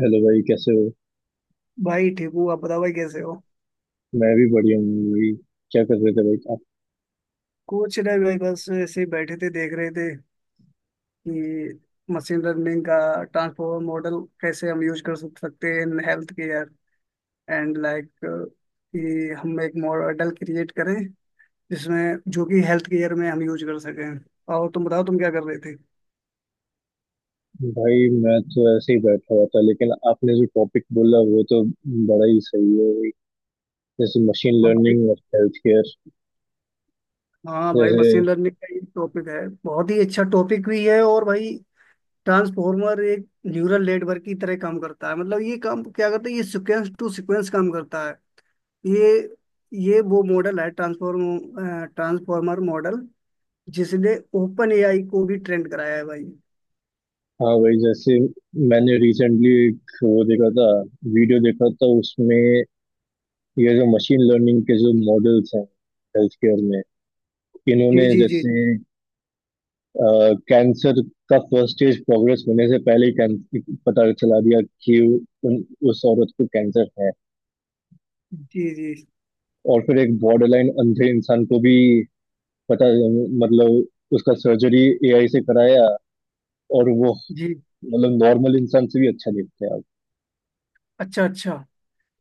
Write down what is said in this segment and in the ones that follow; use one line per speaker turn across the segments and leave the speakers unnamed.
Hello भाई, कैसे हो।
भाई ठीक हूँ, आप बताओ भाई कैसे हो?
मैं भी बढ़िया हूँ भाई। क्या कर रहे थे भाई आप?
कुछ नहीं भाई, बस ऐसे ही बैठे थे, देख रहे थे कि मशीन लर्निंग का ट्रांसफॉर्मर मॉडल कैसे हम यूज कर सकते हैं in health care and like, कि हम एक मॉडल क्रिएट करें जिसमें, जो कि हेल्थ केयर में हम यूज कर सकें। और तुम बताओ तुम क्या कर रहे थे?
भाई मैं तो ऐसे ही बैठा हुआ था, लेकिन आपने जो टॉपिक बोला वो तो बड़ा ही सही है भाई। जैसे मशीन
हम भाई।
लर्निंग और हेल्थ केयर।
हाँ भाई,
जैसे
मशीन लर्निंग का ये टॉपिक है, बहुत ही अच्छा टॉपिक भी है। और भाई ट्रांसफॉर्मर एक न्यूरल नेटवर्क की तरह काम करता है, मतलब ये काम क्या करता है, ये सीक्वेंस टू सीक्वेंस काम करता है। ये ये वो मॉडल है, ट्रांसफॉर्मर मॉडल, जिसने ओपन एआई को भी ट्रेंड कराया है भाई।
हाँ भाई, जैसे मैंने रिसेंटली एक वो देखा था, वीडियो देखा था। उसमें ये जो मशीन लर्निंग के जो मॉडल्स हैं हेल्थ केयर में, इन्होंने
जी जी जी।
जैसे कैंसर का फर्स्ट स्टेज प्रोग्रेस होने से पहले ही कैंसर पता चला दिया कि उन, उस औरत को कैंसर है।
जी जी जी
और फिर एक बॉर्डर लाइन अंधे इंसान को भी, पता, मतलब उसका सर्जरी एआई से कराया, और वो
जी।
मतलब नॉर्मल इंसान से भी अच्छा दिखता है अब।
अच्छा अच्छा।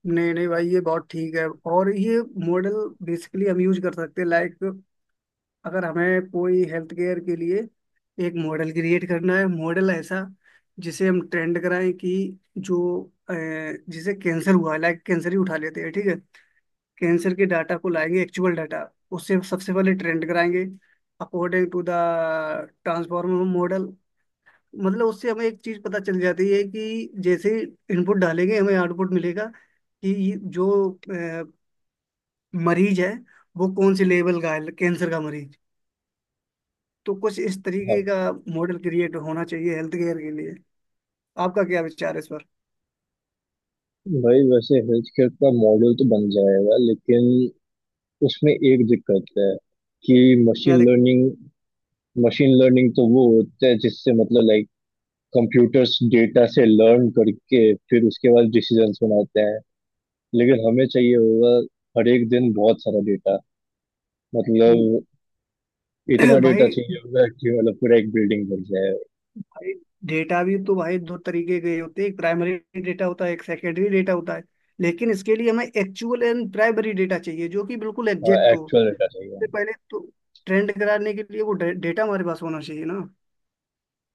नहीं नहीं भाई, ये बहुत ठीक है। और ये मॉडल बेसिकली हम यूज कर सकते हैं लाइक, अगर हमें कोई हेल्थ केयर के लिए एक मॉडल क्रिएट करना है, मॉडल ऐसा जिसे हम ट्रेंड कराएं कि जो अ, जिसे कैंसर हुआ है, लाइक कैंसर ही उठा लेते हैं, ठीक है। कैंसर के डाटा को लाएंगे, एक्चुअल डाटा, उससे सबसे पहले ट्रेंड कराएंगे according to the transformer model. मतलब उससे हमें एक चीज पता चल जाती है कि जैसे इनपुट डालेंगे हमें आउटपुट मिलेगा कि ये जो अ, मरीज है वो कौन से लेवल का है, कैंसर का मरीज। तो कुछ इस
हाँ
तरीके का मॉडल क्रिएट होना चाहिए हेल्थ केयर के लिए। आपका क्या विचार है इस पर?
भाई, वैसे हेल्थ केयर का मॉडल तो बन जाएगा, लेकिन उसमें एक दिक्कत है कि
क्या
मशीन
देख।
लर्निंग, ML तो वो होता है जिससे मतलब लाइक कंप्यूटर्स डेटा से लर्न करके फिर उसके बाद डिसीजंस बनाते हैं। लेकिन हमें चाहिए होगा हर एक दिन बहुत सारा डेटा। मतलब इतना डेटा
भाई
चाहिए होगा कि मतलब पूरा एक बिल्डिंग बन जाए।
भाई, डेटा भी तो भाई दो तरीके के होते हैं, एक प्राइमरी डेटा होता है, एक सेकेंडरी डेटा होता है। लेकिन इसके लिए हमें एक्चुअल एंड प्राइमरी डेटा चाहिए जो कि बिल्कुल एग्जैक्ट हो।
एक्चुअल डेटा चाहिए
इससे
हमें।
पहले तो ट्रेंड कराने के लिए वो डेटा हमारे पास होना चाहिए ना।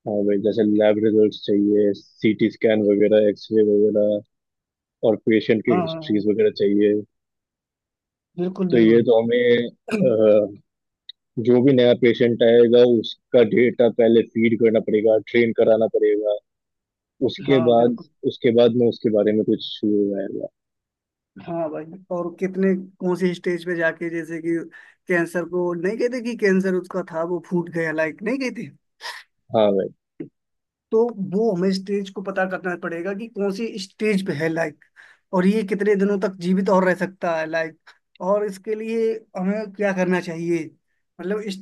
हाँ भाई, जैसे लैब रिजल्ट्स चाहिए, सीटी स्कैन वगैरह, एक्सरे वगैरह, और पेशेंट
हाँ
की
हाँ हाँ,
हिस्ट्रीज वगैरह चाहिए।
बिल्कुल
तो ये
बिल्कुल।
तो हमें जो भी नया पेशेंट आएगा उसका डेटा पहले फीड करना पड़ेगा, ट्रेन कराना पड़ेगा। उसके
हाँ
बाद,
बिल्कुल।
उसके बाद मैं उसके बारे में कुछ शुरू रहेगा।
हाँ भाई, और कितने, कौन से स्टेज पे जाके, जैसे कि कैंसर को नहीं कहते कि कैंसर उसका था वो फूट गया, लाइक नहीं कहते।
हाँ भाई।
तो वो हमें स्टेज को पता करना पड़ेगा कि कौन सी स्टेज पे है लाइक। और ये कितने दिनों तक जीवित और रह सकता है लाइक। और इसके लिए हमें क्या करना चाहिए, मतलब इस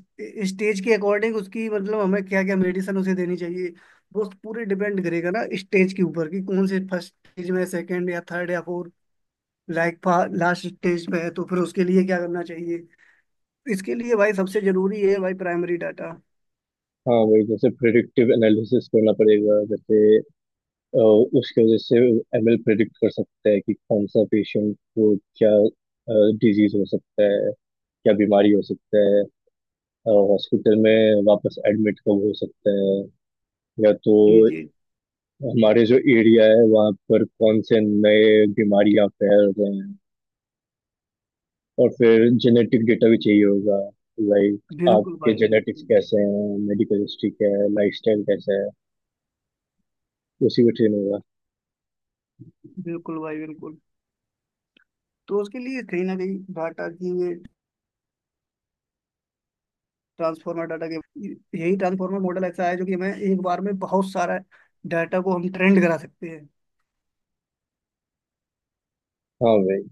स्टेज के अकॉर्डिंग उसकी, मतलब हमें क्या क्या मेडिसिन उसे देनी चाहिए। वो पूरे डिपेंड करेगा ना स्टेज के ऊपर कि कौन से, फर्स्ट स्टेज में, सेकंड या थर्ड या फोर्थ, लाइक लास्ट स्टेज पे है, तो फिर उसके लिए क्या करना चाहिए। इसके लिए भाई सबसे जरूरी है भाई, प्राइमरी डाटा।
हाँ वही, जैसे प्रिडिक्टिव एनालिसिस करना पड़ेगा। जैसे अ, उसके वजह से एमएल प्रिडिक्ट कर सकता है कि कौन सा पेशेंट को क्या डिजीज हो सकता है, क्या बीमारी हो सकता है, हॉस्पिटल में वापस एडमिट कब हो सकता है, या तो
जी जी।
हमारे जो एरिया है वहाँ पर कौन से नए बीमारी फैल रहे हैं। और फिर जेनेटिक डेटा भी चाहिए होगा। लाइक
बिल्कुल
आपके
भाई,
जेनेटिक्स
बिल्कुल
कैसे हैं, मेडिकल हिस्ट्री क्या है, लाइफस्टाइल कैसा है, उसी पे ट्रेन होगा।
बिल्कुल भाई, बिल्कुल। तो उसके लिए कहीं ना कहीं डाटा की ये ट्रांसफॉर्मर डाटा के, यही ट्रांसफॉर्मर मॉडल ऐसा है जो कि हमें एक बार में बहुत सारा डाटा को हम ट्रेंड करा सकते हैं।
हाँ भाई,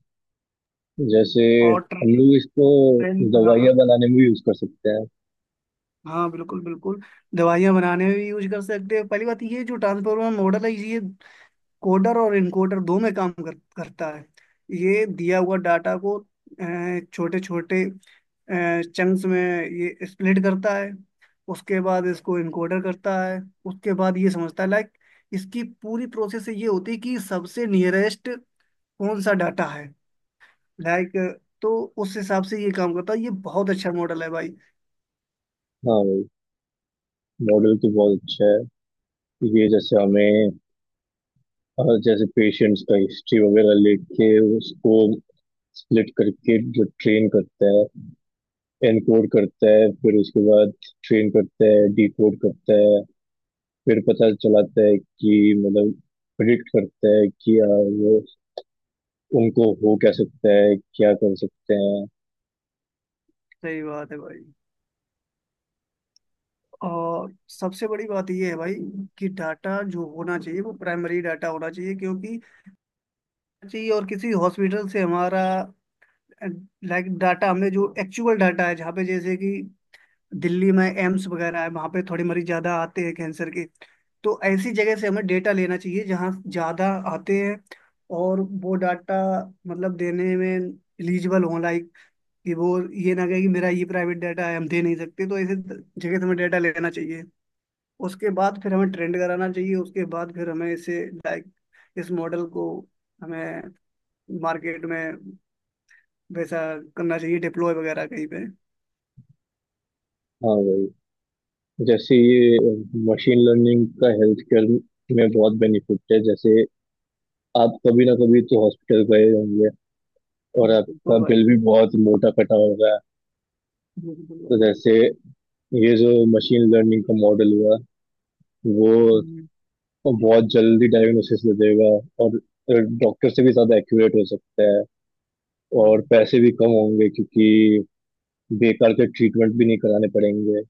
जैसे
और
हम लोग इसको
ट्रेंड, हाँ
दवाइयाँ
हाँ।
बनाने में भी यूज कर सकते हैं।
हाँ बिल्कुल बिल्कुल, दवाइयाँ बनाने में भी यूज कर सकते हैं। पहली बात, ये जो ट्रांसफॉर्मर मॉडल है, ये कोडर और इनकोडर दो में काम करता है। ये दिया हुआ डाटा को छोटे छोटे चंक्स में ये स्प्लिट करता है, उसके बाद इसको इनकोडर करता है, उसके बाद ये समझता है, लाइक इसकी पूरी प्रोसेस ये होती है कि सबसे नियरेस्ट कौन सा डाटा है लाइक। तो उस हिसाब से ये काम करता है, ये बहुत अच्छा मॉडल है भाई।
हाँ भाई, मॉडल तो बहुत अच्छा है। ये जैसे हमें जैसे पेशेंट्स का हिस्ट्री वगैरह लेके उसको स्प्लिट करके जो ट्रेन करता है, एनकोड करता है, फिर उसके बाद ट्रेन करता है, डिकोड करता है, फिर पता चलाता है कि मतलब प्रिडिक्ट करता है कि वो उनको हो क्या सकता है, क्या कर सकते हैं।
सही बात है भाई। और सबसे बड़ी बात ये है भाई कि डाटा जो होना चाहिए वो प्राइमरी डाटा होना चाहिए, क्योंकि जी और किसी हॉस्पिटल से हमारा, लाइक डाटा हमने जो एक्चुअल डाटा है, जहाँ पे जैसे कि दिल्ली में एम्स वगैरह है, वहाँ पे थोड़े मरीज ज़्यादा आते हैं कैंसर के। तो ऐसी जगह से हमें डेटा लेना चाहिए जहाँ ज़्यादा आते हैं, और वो डाटा मतलब देने में एलिजिबल हों, लाइक कि वो ये ना कहे कि मेरा ये प्राइवेट डाटा है, हम दे नहीं सकते। तो ऐसे जगह से हमें डाटा लेना चाहिए, उसके बाद फिर हमें ट्रेंड कराना चाहिए, उसके बाद फिर हमें इसे, लाइक इस मॉडल को हमें मार्केट में वैसा करना चाहिए, डिप्लॉय वगैरह कहीं पे।
हाँ भाई, जैसे ये मशीन लर्निंग का हेल्थ केयर में बहुत बेनिफिट है। जैसे आप कभी ना कभी तो हॉस्पिटल गए होंगे, और
बिल्कुल
आपका
भाई
बिल भी बहुत मोटा कटा होगा।
बिल्कुल
तो
भाई।
जैसे ये जो मशीन लर्निंग का मॉडल हुआ वो
हम्म,
बहुत जल्दी डायग्नोसिस दे देगा, और डॉक्टर से भी ज़्यादा एक्यूरेट हो सकता है, और
हम्म,
पैसे भी कम होंगे क्योंकि बेकार के ट्रीटमेंट भी नहीं कराने पड़ेंगे,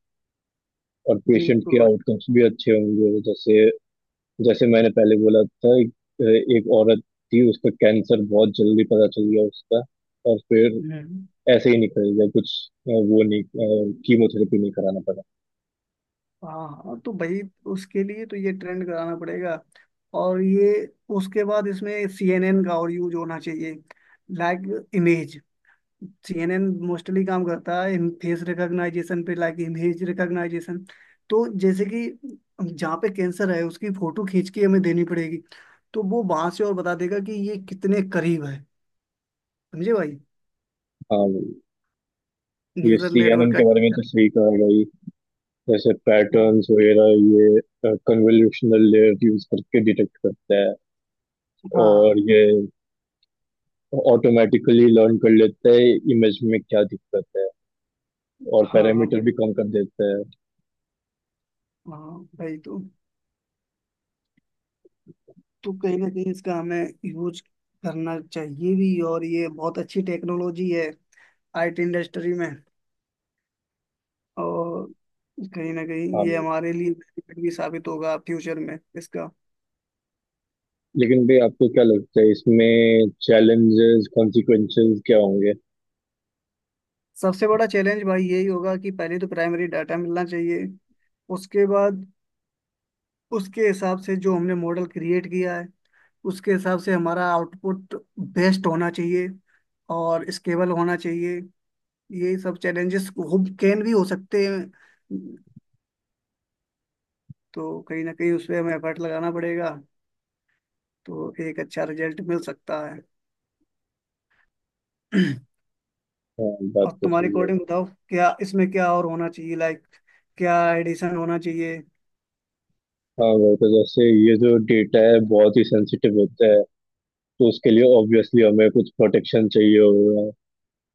और पेशेंट के
बिल्कुल भाई।
आउटकम्स भी अच्छे होंगे। जैसे जैसे मैंने पहले बोला था, एक औरत थी, उसका कैंसर बहुत जल्दी पता चल गया उसका, और फिर
हम्म।
ऐसे ही निकल गया। कुछ वो नहीं, कीमोथेरेपी नहीं कराना पड़ा।
हाँ हाँ, तो भाई उसके लिए तो ये ट्रेंड कराना पड़ेगा। और ये उसके बाद इसमें सीएनएन का और यूज होना चाहिए, लाइक इमेज। सीएनएन मोस्टली काम करता है फेस रिकॉग्नाइजेशन पे, लाइक इमेज रिकॉग्नाइजेशन। तो जैसे कि जहाँ पे कैंसर है उसकी फोटो खींच के हमें देनी पड़ेगी, तो वो वहां से और बता देगा कि ये कितने करीब है। समझे भाई?
हाँ, ये
न्यूरल
सीएनएन
नेटवर्क का
के बारे
यूज
में तो
कर।
सही कहा भाई। जैसे पैटर्न्स वगैरह ये कन्वोल्यूशनल लेयर यूज करके डिटेक्ट करता है,
हाँ
और ये ऑटोमेटिकली लर्न कर लेता है इमेज में क्या दिक्कत है, और
हाँ हाँ
पैरामीटर
भाई,
भी कम कर देता है।
हाँ भाई, तो कहीं ना कहीं इसका हमें यूज करना चाहिए भी, और ये बहुत अच्छी टेक्नोलॉजी है आईटी इंडस्ट्री में। और कहीं ना कहीं
हाँ
ये
मैम,
हमारे लिए benefit भी साबित होगा फ्यूचर में इसका।
लेकिन भाई आपको क्या लगता है इसमें चैलेंजेस कॉन्सिक्वेंसेस क्या होंगे?
सबसे बड़ा चैलेंज भाई यही होगा कि पहले तो प्राइमरी डाटा मिलना चाहिए। उसके बाद उसके हिसाब से जो हमने मॉडल क्रिएट किया है, उसके हिसाब से हमारा आउटपुट बेस्ट होना चाहिए और स्केलेबल होना चाहिए। यही सब चैलेंजेस हो कैन भी हो सकते हैं। तो कहीं ना कहीं उसमें हमें एफर्ट लगाना पड़ेगा, तो एक अच्छा रिजल्ट मिल सकता है।
हाँ, बात
और
तो
तुम्हारी
सही है।
कोडिंग बताओ क्या, इसमें क्या और होना चाहिए, लाइक क्या एडिशन होना चाहिए?
हाँ भाई, तो जैसे ये जो डेटा है बहुत ही सेंसिटिव होता है। तो उसके लिए ऑब्वियसली हमें कुछ प्रोटेक्शन चाहिए होगा,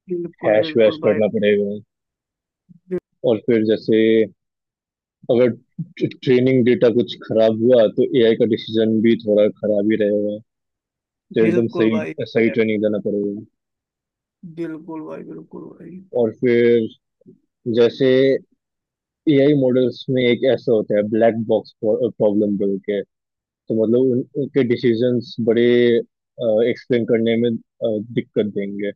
बिल्कुल
हैश वैश
बिल्कुल भाई,
करना पड़ेगा। और फिर जैसे अगर ट्रेनिंग डेटा कुछ खराब हुआ तो एआई का डिसीजन भी थोड़ा खराब ही रहेगा। तो एकदम
बिल्कुल
सही,
भाई,
सही ट्रेनिंग देना पड़ेगा।
बिल्कुल भाई, बिल्कुल भाई,
और फिर जैसे एआई मॉडल्स में एक ऐसा होता है, ब्लैक बॉक्स प्रॉब्लम बोल के। तो मतलब उनके डिसीजंस बड़े एक्सप्लेन करने में दिक्कत देंगे।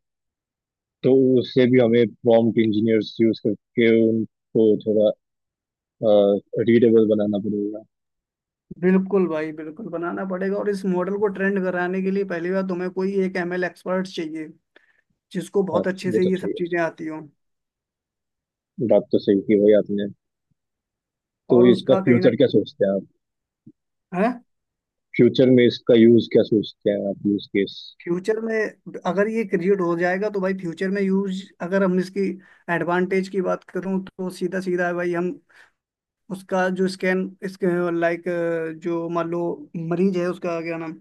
तो उससे भी हमें प्रॉम्प्ट इंजीनियर्स यूज करके उनको थोड़ा रीडेबल बनाना पड़ेगा।
बिल्कुल भाई, बिल्कुल बनाना पड़ेगा। और इस मॉडल को ट्रेंड कराने के लिए पहली बार तुम्हें कोई एक एमएल एक्सपर्ट चाहिए जिसको
हाँ,
बहुत अच्छे
वो
से
तो
ये सब
चाहिए।
चीजें आती हों।
बात तो सही की भाई आपने। तो
और
इसका
उसका कहीं ना
फ्यूचर क्या
कहीं
सोचते हैं आप?
है।
फ्यूचर में इसका यूज क्या सोचते हैं आप, यूज केस?
फ्यूचर में अगर ये क्रिएट हो जाएगा तो भाई, फ्यूचर में यूज अगर हम इसकी एडवांटेज की बात करूं तो सीधा सीधा है भाई। हम उसका जो स्कैन इसके, लाइक जो मान लो मरीज है उसका क्या नाम,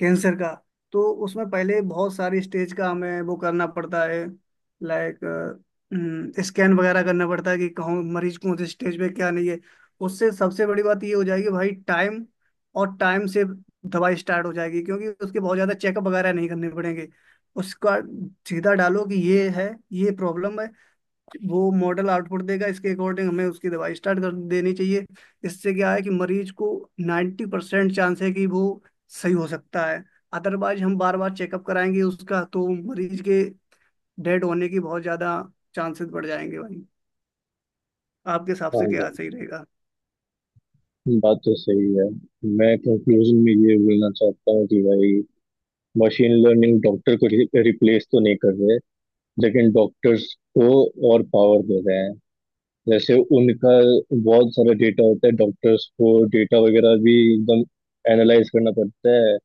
कैंसर का। तो उसमें पहले बहुत सारी स्टेज का हमें वो करना पड़ता है, लाइक स्कैन वगैरह करना पड़ता है कि कहाँ मरीज कौन से स्टेज पे क्या नहीं है। उससे सबसे बड़ी बात ये हो जाएगी भाई, टाइम, और टाइम से दवाई स्टार्ट हो जाएगी, क्योंकि उसके बहुत ज़्यादा चेकअप वगैरह नहीं करने पड़ेंगे। उसका सीधा डालो कि ये है, ये प्रॉब्लम है, वो मॉडल आउटपुट देगा, इसके अकॉर्डिंग हमें उसकी दवाई स्टार्ट कर देनी चाहिए। इससे क्या है कि मरीज को 90% चांस है कि वो सही हो सकता है। अदरवाइज हम बार बार चेकअप कराएंगे उसका, तो मरीज के डेड होने की बहुत ज्यादा चांसेस बढ़ जाएंगे भाई। आपके हिसाब से
हाँ,
क्या सही रहेगा?
बात तो सही है। मैं कंक्लूजन में ये बोलना चाहता हूँ कि भाई मशीन लर्निंग डॉक्टर को रिप्लेस तो नहीं कर रहे, लेकिन डॉक्टर्स को और पावर दे रहे हैं। जैसे उनका बहुत सारा डेटा होता है, डॉक्टर्स को डेटा वगैरह भी एकदम एनालाइज करना पड़ता है।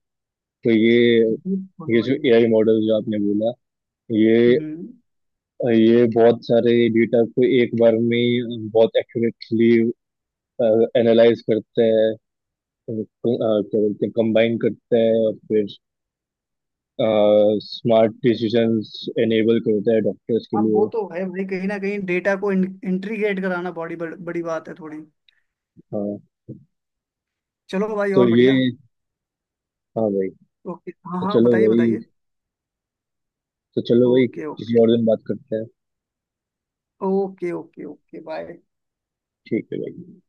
तो ये
बिल्कुल
ये जो
भाई।
एआई मॉडल जो आपने बोला, ये
हम्म।
ये बहुत सारे डेटा को एक बार में ही बहुत एक्यूरेटली एनालाइज करते हैं, क्या बोलते हैं कंबाइन करता है, और फिर स्मार्ट डिसीजंस एनेबल करता है डॉक्टर्स के
हाँ वो
लिए।
तो है भाई, कहीं ना कहीं डेटा को इंट्रीग्रेट कराना बड़ी बात है थोड़ी।
हाँ
चलो भाई,
तो
और
ये,
बढ़िया।
हाँ भाई,
ओके हाँ
तो
हाँ,
चलो
बताइए
भाई,
बताइए।
तो चलो भाई
ओके
किसी
ओके।
और दिन बात करते हैं।
Okay okay okay bye.
ठीक है भाई।